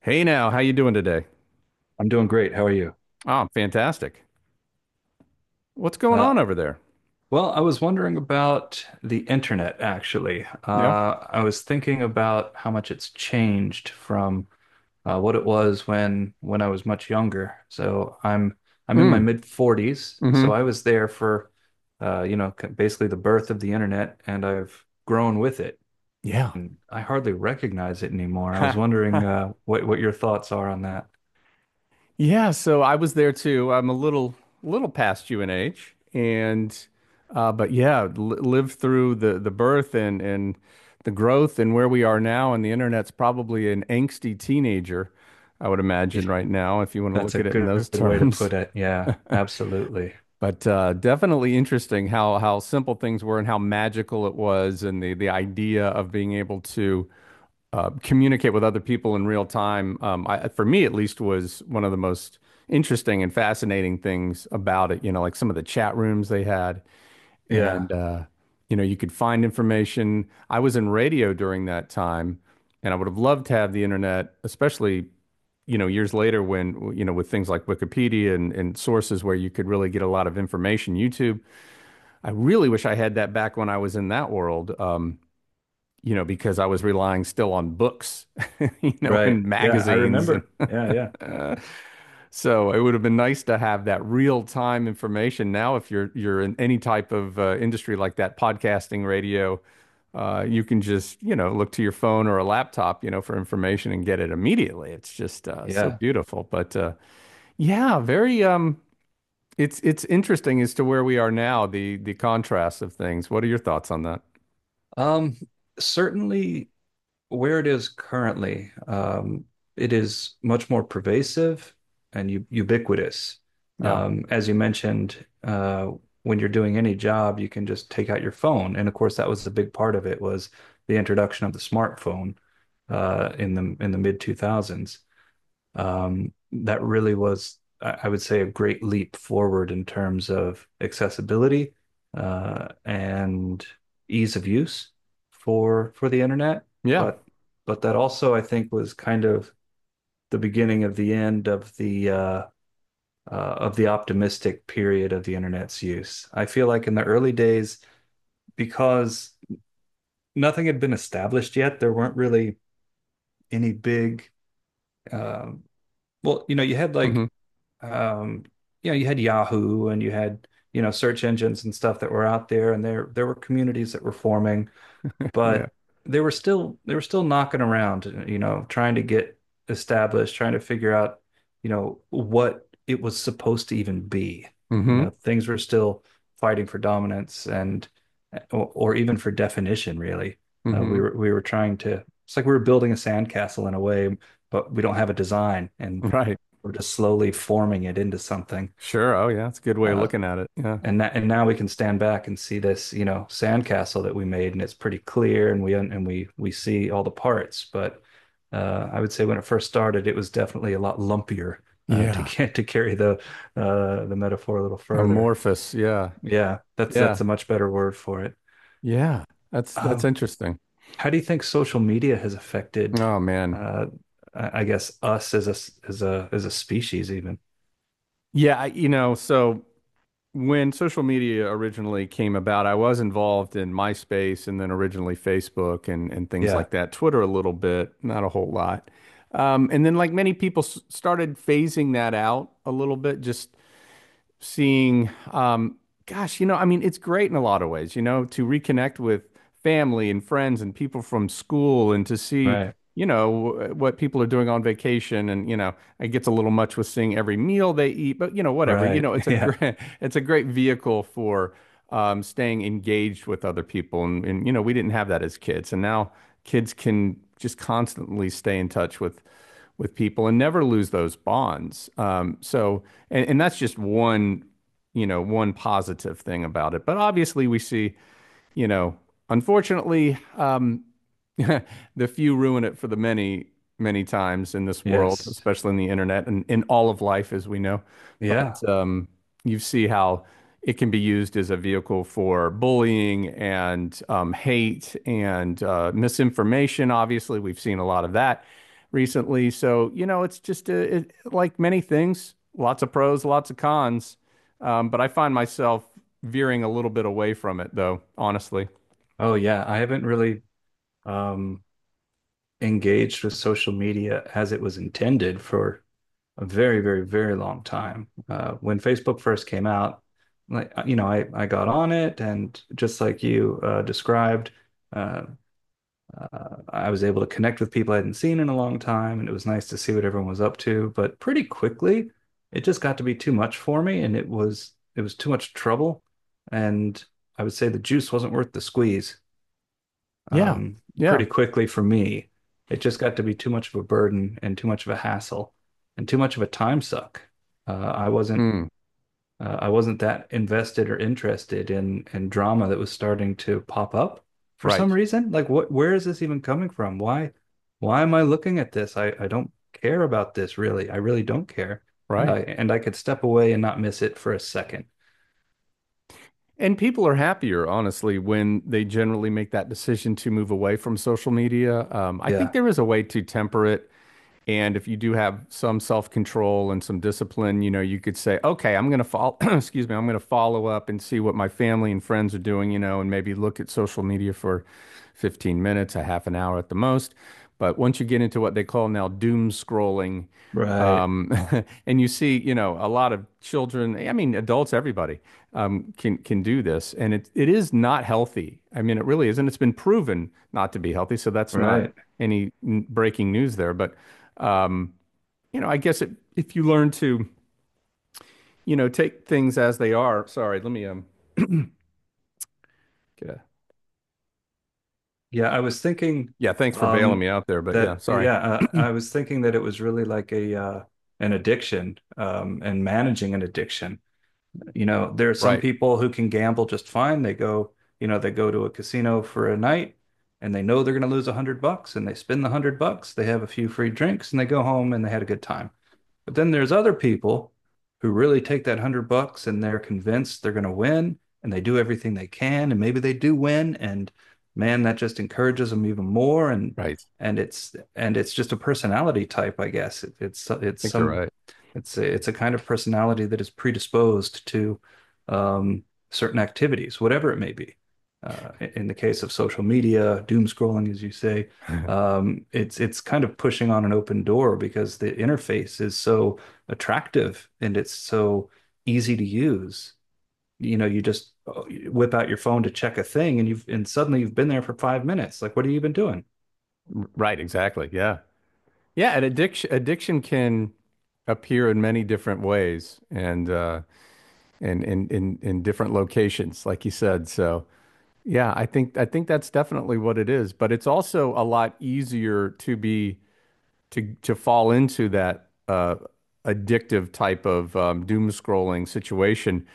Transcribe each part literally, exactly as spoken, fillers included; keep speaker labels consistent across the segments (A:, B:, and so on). A: Hey now, how you doing today?
B: I'm doing great. How are you?
A: Oh, fantastic. What's going
B: Uh,
A: on over there?
B: well, I was wondering about the internet, actually.
A: Yeah.
B: Uh, I was thinking about how much it's changed from uh, what it was when when I was much younger. So I'm I'm in my
A: Mm.
B: mid forties, so
A: Mm-hmm.
B: I was there for uh, you know c- basically the birth of the internet, and I've grown with it,
A: Yeah.
B: and I hardly recognize it anymore. I was wondering uh, what what your thoughts are on that.
A: Yeah, so I was there too. I'm a little little past you in age and uh but yeah, li lived through the the birth and and the growth and where we are now, and the internet's probably an angsty teenager, I would
B: Yeah,
A: imagine right now if you want to
B: that's
A: look
B: a
A: at it in those
B: good way to
A: terms.
B: put it. Yeah, absolutely.
A: But uh, definitely interesting how how simple things were and how magical it was, and the the idea of being able to uh, communicate with other people in real time. Um, I, for me, at least, was one of the most interesting and fascinating things about it. You know, like some of the chat rooms they had,
B: Yeah.
A: and uh, you know, you could find information. I was in radio during that time, and I would have loved to have the internet, especially, you know, years later when, you know, with things like Wikipedia and, and sources where you could really get a lot of information. YouTube, I really wish I had that back when I was in that world. Um, you know, because I was relying still on books, you know,
B: Right.
A: and
B: Yeah, I
A: magazines and
B: remember. Yeah, yeah,
A: uh, so it would have been nice to have that real time information. Now, if you're you're in any type of uh, industry like that, podcasting, radio, uh, you can just, you know, look to your phone or a laptop, you know, for information and get it immediately. It's just uh, so
B: yeah.
A: beautiful. But uh, yeah, very um, it's it's interesting as to where we are now, the the contrast of things. What are your thoughts on that?
B: Um, Certainly where it is currently, um, it is much more pervasive and u ubiquitous.
A: Yeah.
B: Um, as you mentioned, uh, when you're doing any job, you can just take out your phone. And of course, that was the big part of it was the introduction of the smartphone uh, in the in the mid two thousands. Um, that really was, I would say, a great leap forward in terms of accessibility uh, and ease of use for for the internet.
A: Yeah.
B: But but that also, I think, was kind of the beginning of the end of the uh, uh, of the optimistic period of the internet's use. I feel like in the early days, because nothing had been established yet, there weren't really any big. Um well, you know, you had like
A: Hmm.
B: um, you know, you had Yahoo and you had, you know, search engines and stuff that were out there and there there were communities that were forming,
A: Yeah.
B: but they were still they were still knocking around, you know, trying to get established, trying to figure out, you know, what it was supposed to even be. You
A: Hmm.
B: know, things were still fighting for dominance and or, or even for definition, really. Uh,
A: Hmm.
B: we were we were trying to, it's like we were building a sandcastle in a way, but we don't have a design and
A: Right.
B: we're just slowly forming it into something.
A: Sure. Oh, yeah. That's a good way of
B: Uh,
A: looking at it. Yeah.
B: and that, and now we can stand back and see this, you know, sandcastle that we made, and it's pretty clear, and we and we we see all the parts. But uh, I would say when it first started, it was definitely a lot lumpier. Uh, to
A: Yeah.
B: get to carry the uh, the metaphor a little further,
A: Amorphous. Yeah.
B: yeah, that's
A: Yeah.
B: that's a much better word for it.
A: Yeah. That's that's
B: Um,
A: interesting.
B: how do you think social media has affected,
A: Oh man.
B: uh, I I guess, us as a as a as a species? Even
A: Yeah, I, you know, so when social media originally came about, I was involved in MySpace and then originally Facebook and and things
B: yeah,
A: like that. Twitter a little bit, not a whole lot. Um, and then like many people s started phasing that out a little bit, just seeing um gosh, you know, I mean, it's great in a lot of ways, you know, to reconnect with family and friends and people from school and to see,
B: right,
A: you know, what people are doing on vacation and, you know, it gets a little much with seeing every meal they eat, but you know, whatever. You
B: right,
A: know, it's a
B: yeah.
A: great it's a great vehicle for um staying engaged with other people and, and you know, we didn't have that as kids. And now kids can just constantly stay in touch with with people and never lose those bonds. Um so and, and that's just one, you know, one positive thing about it. But obviously we see, you know, unfortunately, um the few ruin it for the many, many times in this world,
B: Yes.
A: especially in the internet and in all of life, as we know. But
B: Yeah.
A: um, you see how it can be used as a vehicle for bullying and um, hate and uh, misinformation. Obviously, we've seen a lot of that recently. So, you know, it's just uh it, like many things, lots of pros, lots of cons. Um, but I find myself veering a little bit away from it, though, honestly.
B: Oh, yeah. I haven't really um, engaged with social media as it was intended for a very, very, very long time. Uh, when Facebook first came out, like uh, you know, I I got on it, and just like you uh, described, uh, uh, I was able to connect with people I hadn't seen in a long time, and it was nice to see what everyone was up to. But pretty quickly, it just got to be too much for me, and it was it was too much trouble, and I would say the juice wasn't worth the squeeze.
A: Yeah.
B: Um,
A: Yeah.
B: pretty quickly for me. It just got to be too much of a burden and too much of a hassle and too much of a time suck. Uh, I wasn't
A: Mm,
B: uh, I wasn't that invested or interested in in drama that was starting to pop up for
A: right.
B: some reason. Like what, where is this even coming from? Why why am I looking at this? I, I don't care about this really. I really don't care. And
A: Right.
B: I and I could step away and not miss it for a second.
A: And people are happier, honestly, when they generally make that decision to move away from social media. Um, I think
B: Yeah.
A: there is a way to temper it. And if you do have some self-control and some discipline, you know, you could say, okay, I'm going to follow, excuse me, I'm going to follow up and see what my family and friends are doing, you know, and maybe look at social media for fifteen minutes, a half an hour at the most. But once you get into what they call now doom scrolling,
B: Right.
A: um, and you see, you know, a lot of children, I mean, adults, everybody, um, can can do this, and it it is not healthy. I mean, it really isn't. It's been proven not to be healthy, so that's not
B: Right.
A: any breaking news there. But um, you know, I guess it, if you learn to, you know, take things as they are. Sorry, let me um get a,
B: Yeah, I was thinking
A: yeah, thanks for bailing
B: um
A: me out there, but yeah,
B: that
A: sorry.
B: yeah, uh, I was thinking that it was really like a uh an addiction, um and managing an addiction. You know, there are some
A: Right,
B: people who can gamble just fine. They go, you know, they go to a casino for a night and they know they're going to lose a hundred bucks and they spend the hundred bucks. They have a few free drinks and they go home and they had a good time. But then there's other people who really take that hundred bucks and they're convinced they're going to win and they do everything they can, and maybe they do win, and man, that just encourages them even more. and
A: right. I
B: and it's and it's just a personality type, I guess. It, it's it's
A: think you're
B: some
A: right.
B: it's a, It's a kind of personality that is predisposed to um, certain activities, whatever it may be, uh, in the case of social media doom scrolling, as you say. Um, it's it's kind of pushing on an open door because the interface is so attractive and it's so easy to use. You know, you just uh, whip out your phone to check a thing, and you've and suddenly you've been there for five minutes. Like, what have you been doing?
A: Right, exactly. Yeah. Yeah, and addiction addiction can appear in many different ways and uh and in in in different locations, like you said. So, yeah, I think I think that's definitely what it is, but it's also a lot easier to be to to fall into that uh, addictive type of um, doom scrolling situation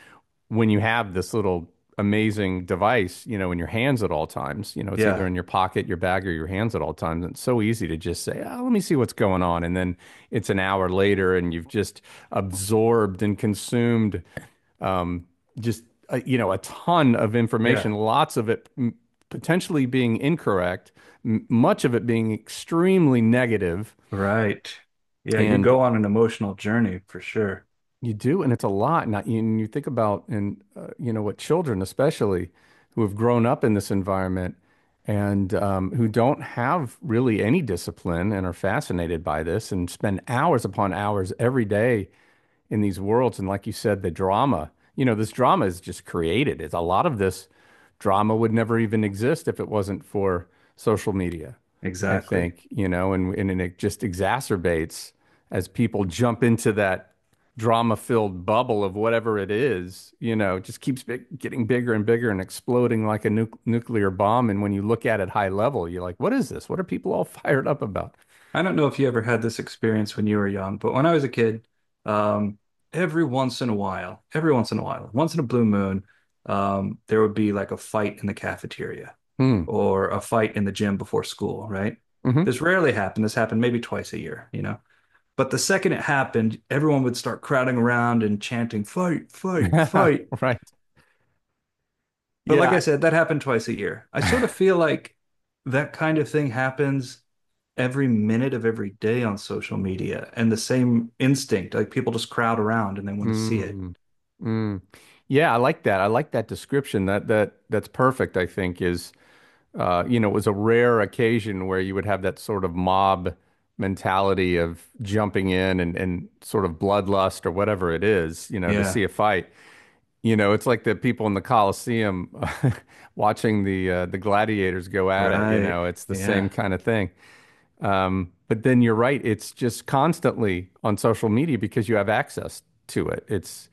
A: when you have this little amazing device, you know, in your hands at all times. You know, it's either
B: Yeah,
A: in your pocket, your bag, or your hands at all times. And it's so easy to just say, oh, let me see what's going on. And then it's an hour later and you've just absorbed and consumed um, just, uh, you know, a ton of
B: yeah,
A: information, lots of it m- potentially being incorrect, m- much of it being extremely negative,
B: right. Yeah, you
A: and
B: go on an emotional journey for sure.
A: you do, and it's a lot. Not and you think about, and uh, you know what, children, especially, who have grown up in this environment and um, who don't have really any discipline and are fascinated by this and spend hours upon hours every day in these worlds. And like you said, the drama, you know, this drama is just created. It's a lot of this drama would never even exist if it wasn't for social media, I
B: Exactly.
A: think, you know, and and it just exacerbates as people jump into that drama-filled bubble of whatever it is, you know, it just keeps big, getting bigger and bigger and exploding like a nu nuclear bomb. And when you look at it high level, you're like, what is this? What are people all fired up about?
B: I don't know if you ever had this experience when you were young, but when I was a kid, um, every once in a while, every once in a while, once in a blue moon, um, there would be like a fight in the cafeteria
A: Hmm.
B: or a fight in the gym before school, right?
A: Hmm.
B: This rarely happened. This happened maybe twice a year, you know? But the second it happened, everyone would start crowding around and chanting, fight, fight, fight.
A: Right.
B: But like I
A: Yeah.
B: said, that happened twice a year. I sort of feel like that kind of thing happens every minute of every day on social media, and the same instinct, like people just crowd around and they want to see it.
A: Mm, mm. Yeah, I like that. I like that description. That that that's perfect, I think, is uh, you know, it was a rare occasion where you would have that sort of mob mentality of jumping in and, and sort of bloodlust or whatever it is, you know, to
B: Yeah,
A: see a fight. You know, it's like the people in the Coliseum watching the uh, the gladiators go at it, you
B: right.
A: know, it's the same
B: Yeah.
A: kind of thing. Um, but then you're right, it's just constantly on social media because you have access to it. It's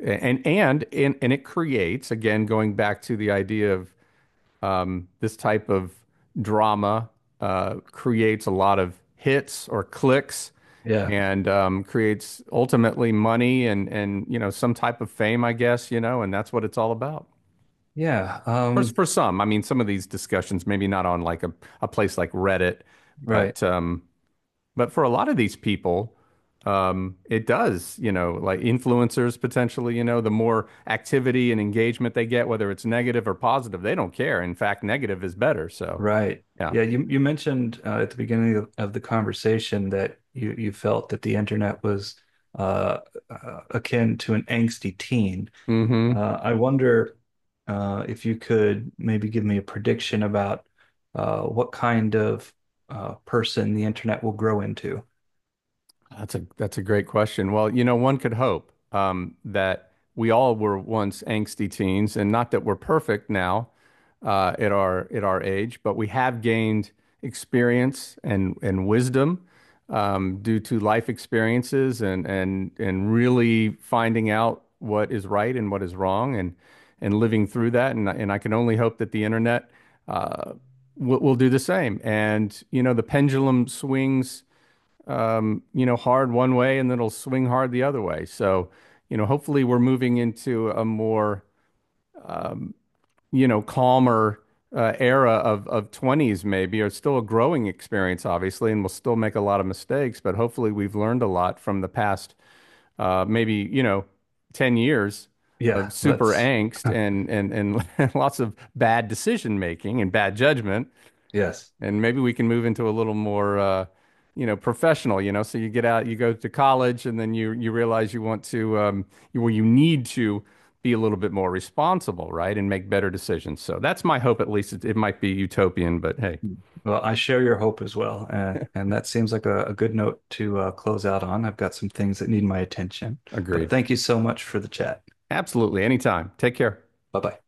A: and and and and it creates, again going back to the idea of um, this type of drama uh, creates a lot of hits or clicks,
B: Yeah.
A: and um, creates ultimately money and and you know, some type of fame, I guess, you know, and that's what it's all about
B: Yeah.
A: for
B: Um,
A: for some. I mean, some of these discussions maybe not on like a, a place like Reddit,
B: right.
A: but um, but for a lot of these people, um, it does, you know, like influencers potentially, you know, the more activity and engagement they get, whether it's negative or positive, they don't care. In fact, negative is better. So,
B: Right.
A: yeah.
B: Yeah, you you mentioned uh, at the beginning of, of the conversation that you you felt that the internet was uh, uh akin to an angsty teen.
A: Hmm.
B: Uh, I wonder uh, if you could maybe give me a prediction about uh, what kind of uh, person the internet will grow into.
A: That's a that's a great question. Well, you know, one could hope um, that we all were once angsty teens, and not that we're perfect now uh, at our at our age, but we have gained experience and and wisdom um, due to life experiences and and and really finding out what is right and what is wrong, and and living through that. And and I can only hope that the internet uh, will, will do the same. And you know, the pendulum swings, you know, hard one way and then it'll swing hard the other way. So, you know, hopefully we're moving into a more, you know, calmer uh, era of of twenties maybe, or still a growing experience, obviously, and we'll still make a lot of mistakes, but hopefully we've learned a lot from the past, uh, maybe, you know, ten years
B: Yeah,
A: of super
B: that's
A: angst and and and lots of bad decision making and bad judgment,
B: yes.
A: and maybe we can move into a little more uh, you know, professional, you know, so you get out, you go to college and then you you realize you want to um, you, well, you need to be a little bit more responsible, right, and make better decisions. So that's my hope, at least. it, it might be utopian, but hey,
B: Well, I share your hope as well, and and that seems like a, a good note to uh, close out on. I've got some things that need my attention, but
A: agreed,
B: thank you so much for the chat.
A: absolutely, anytime, take care.
B: Bye bye.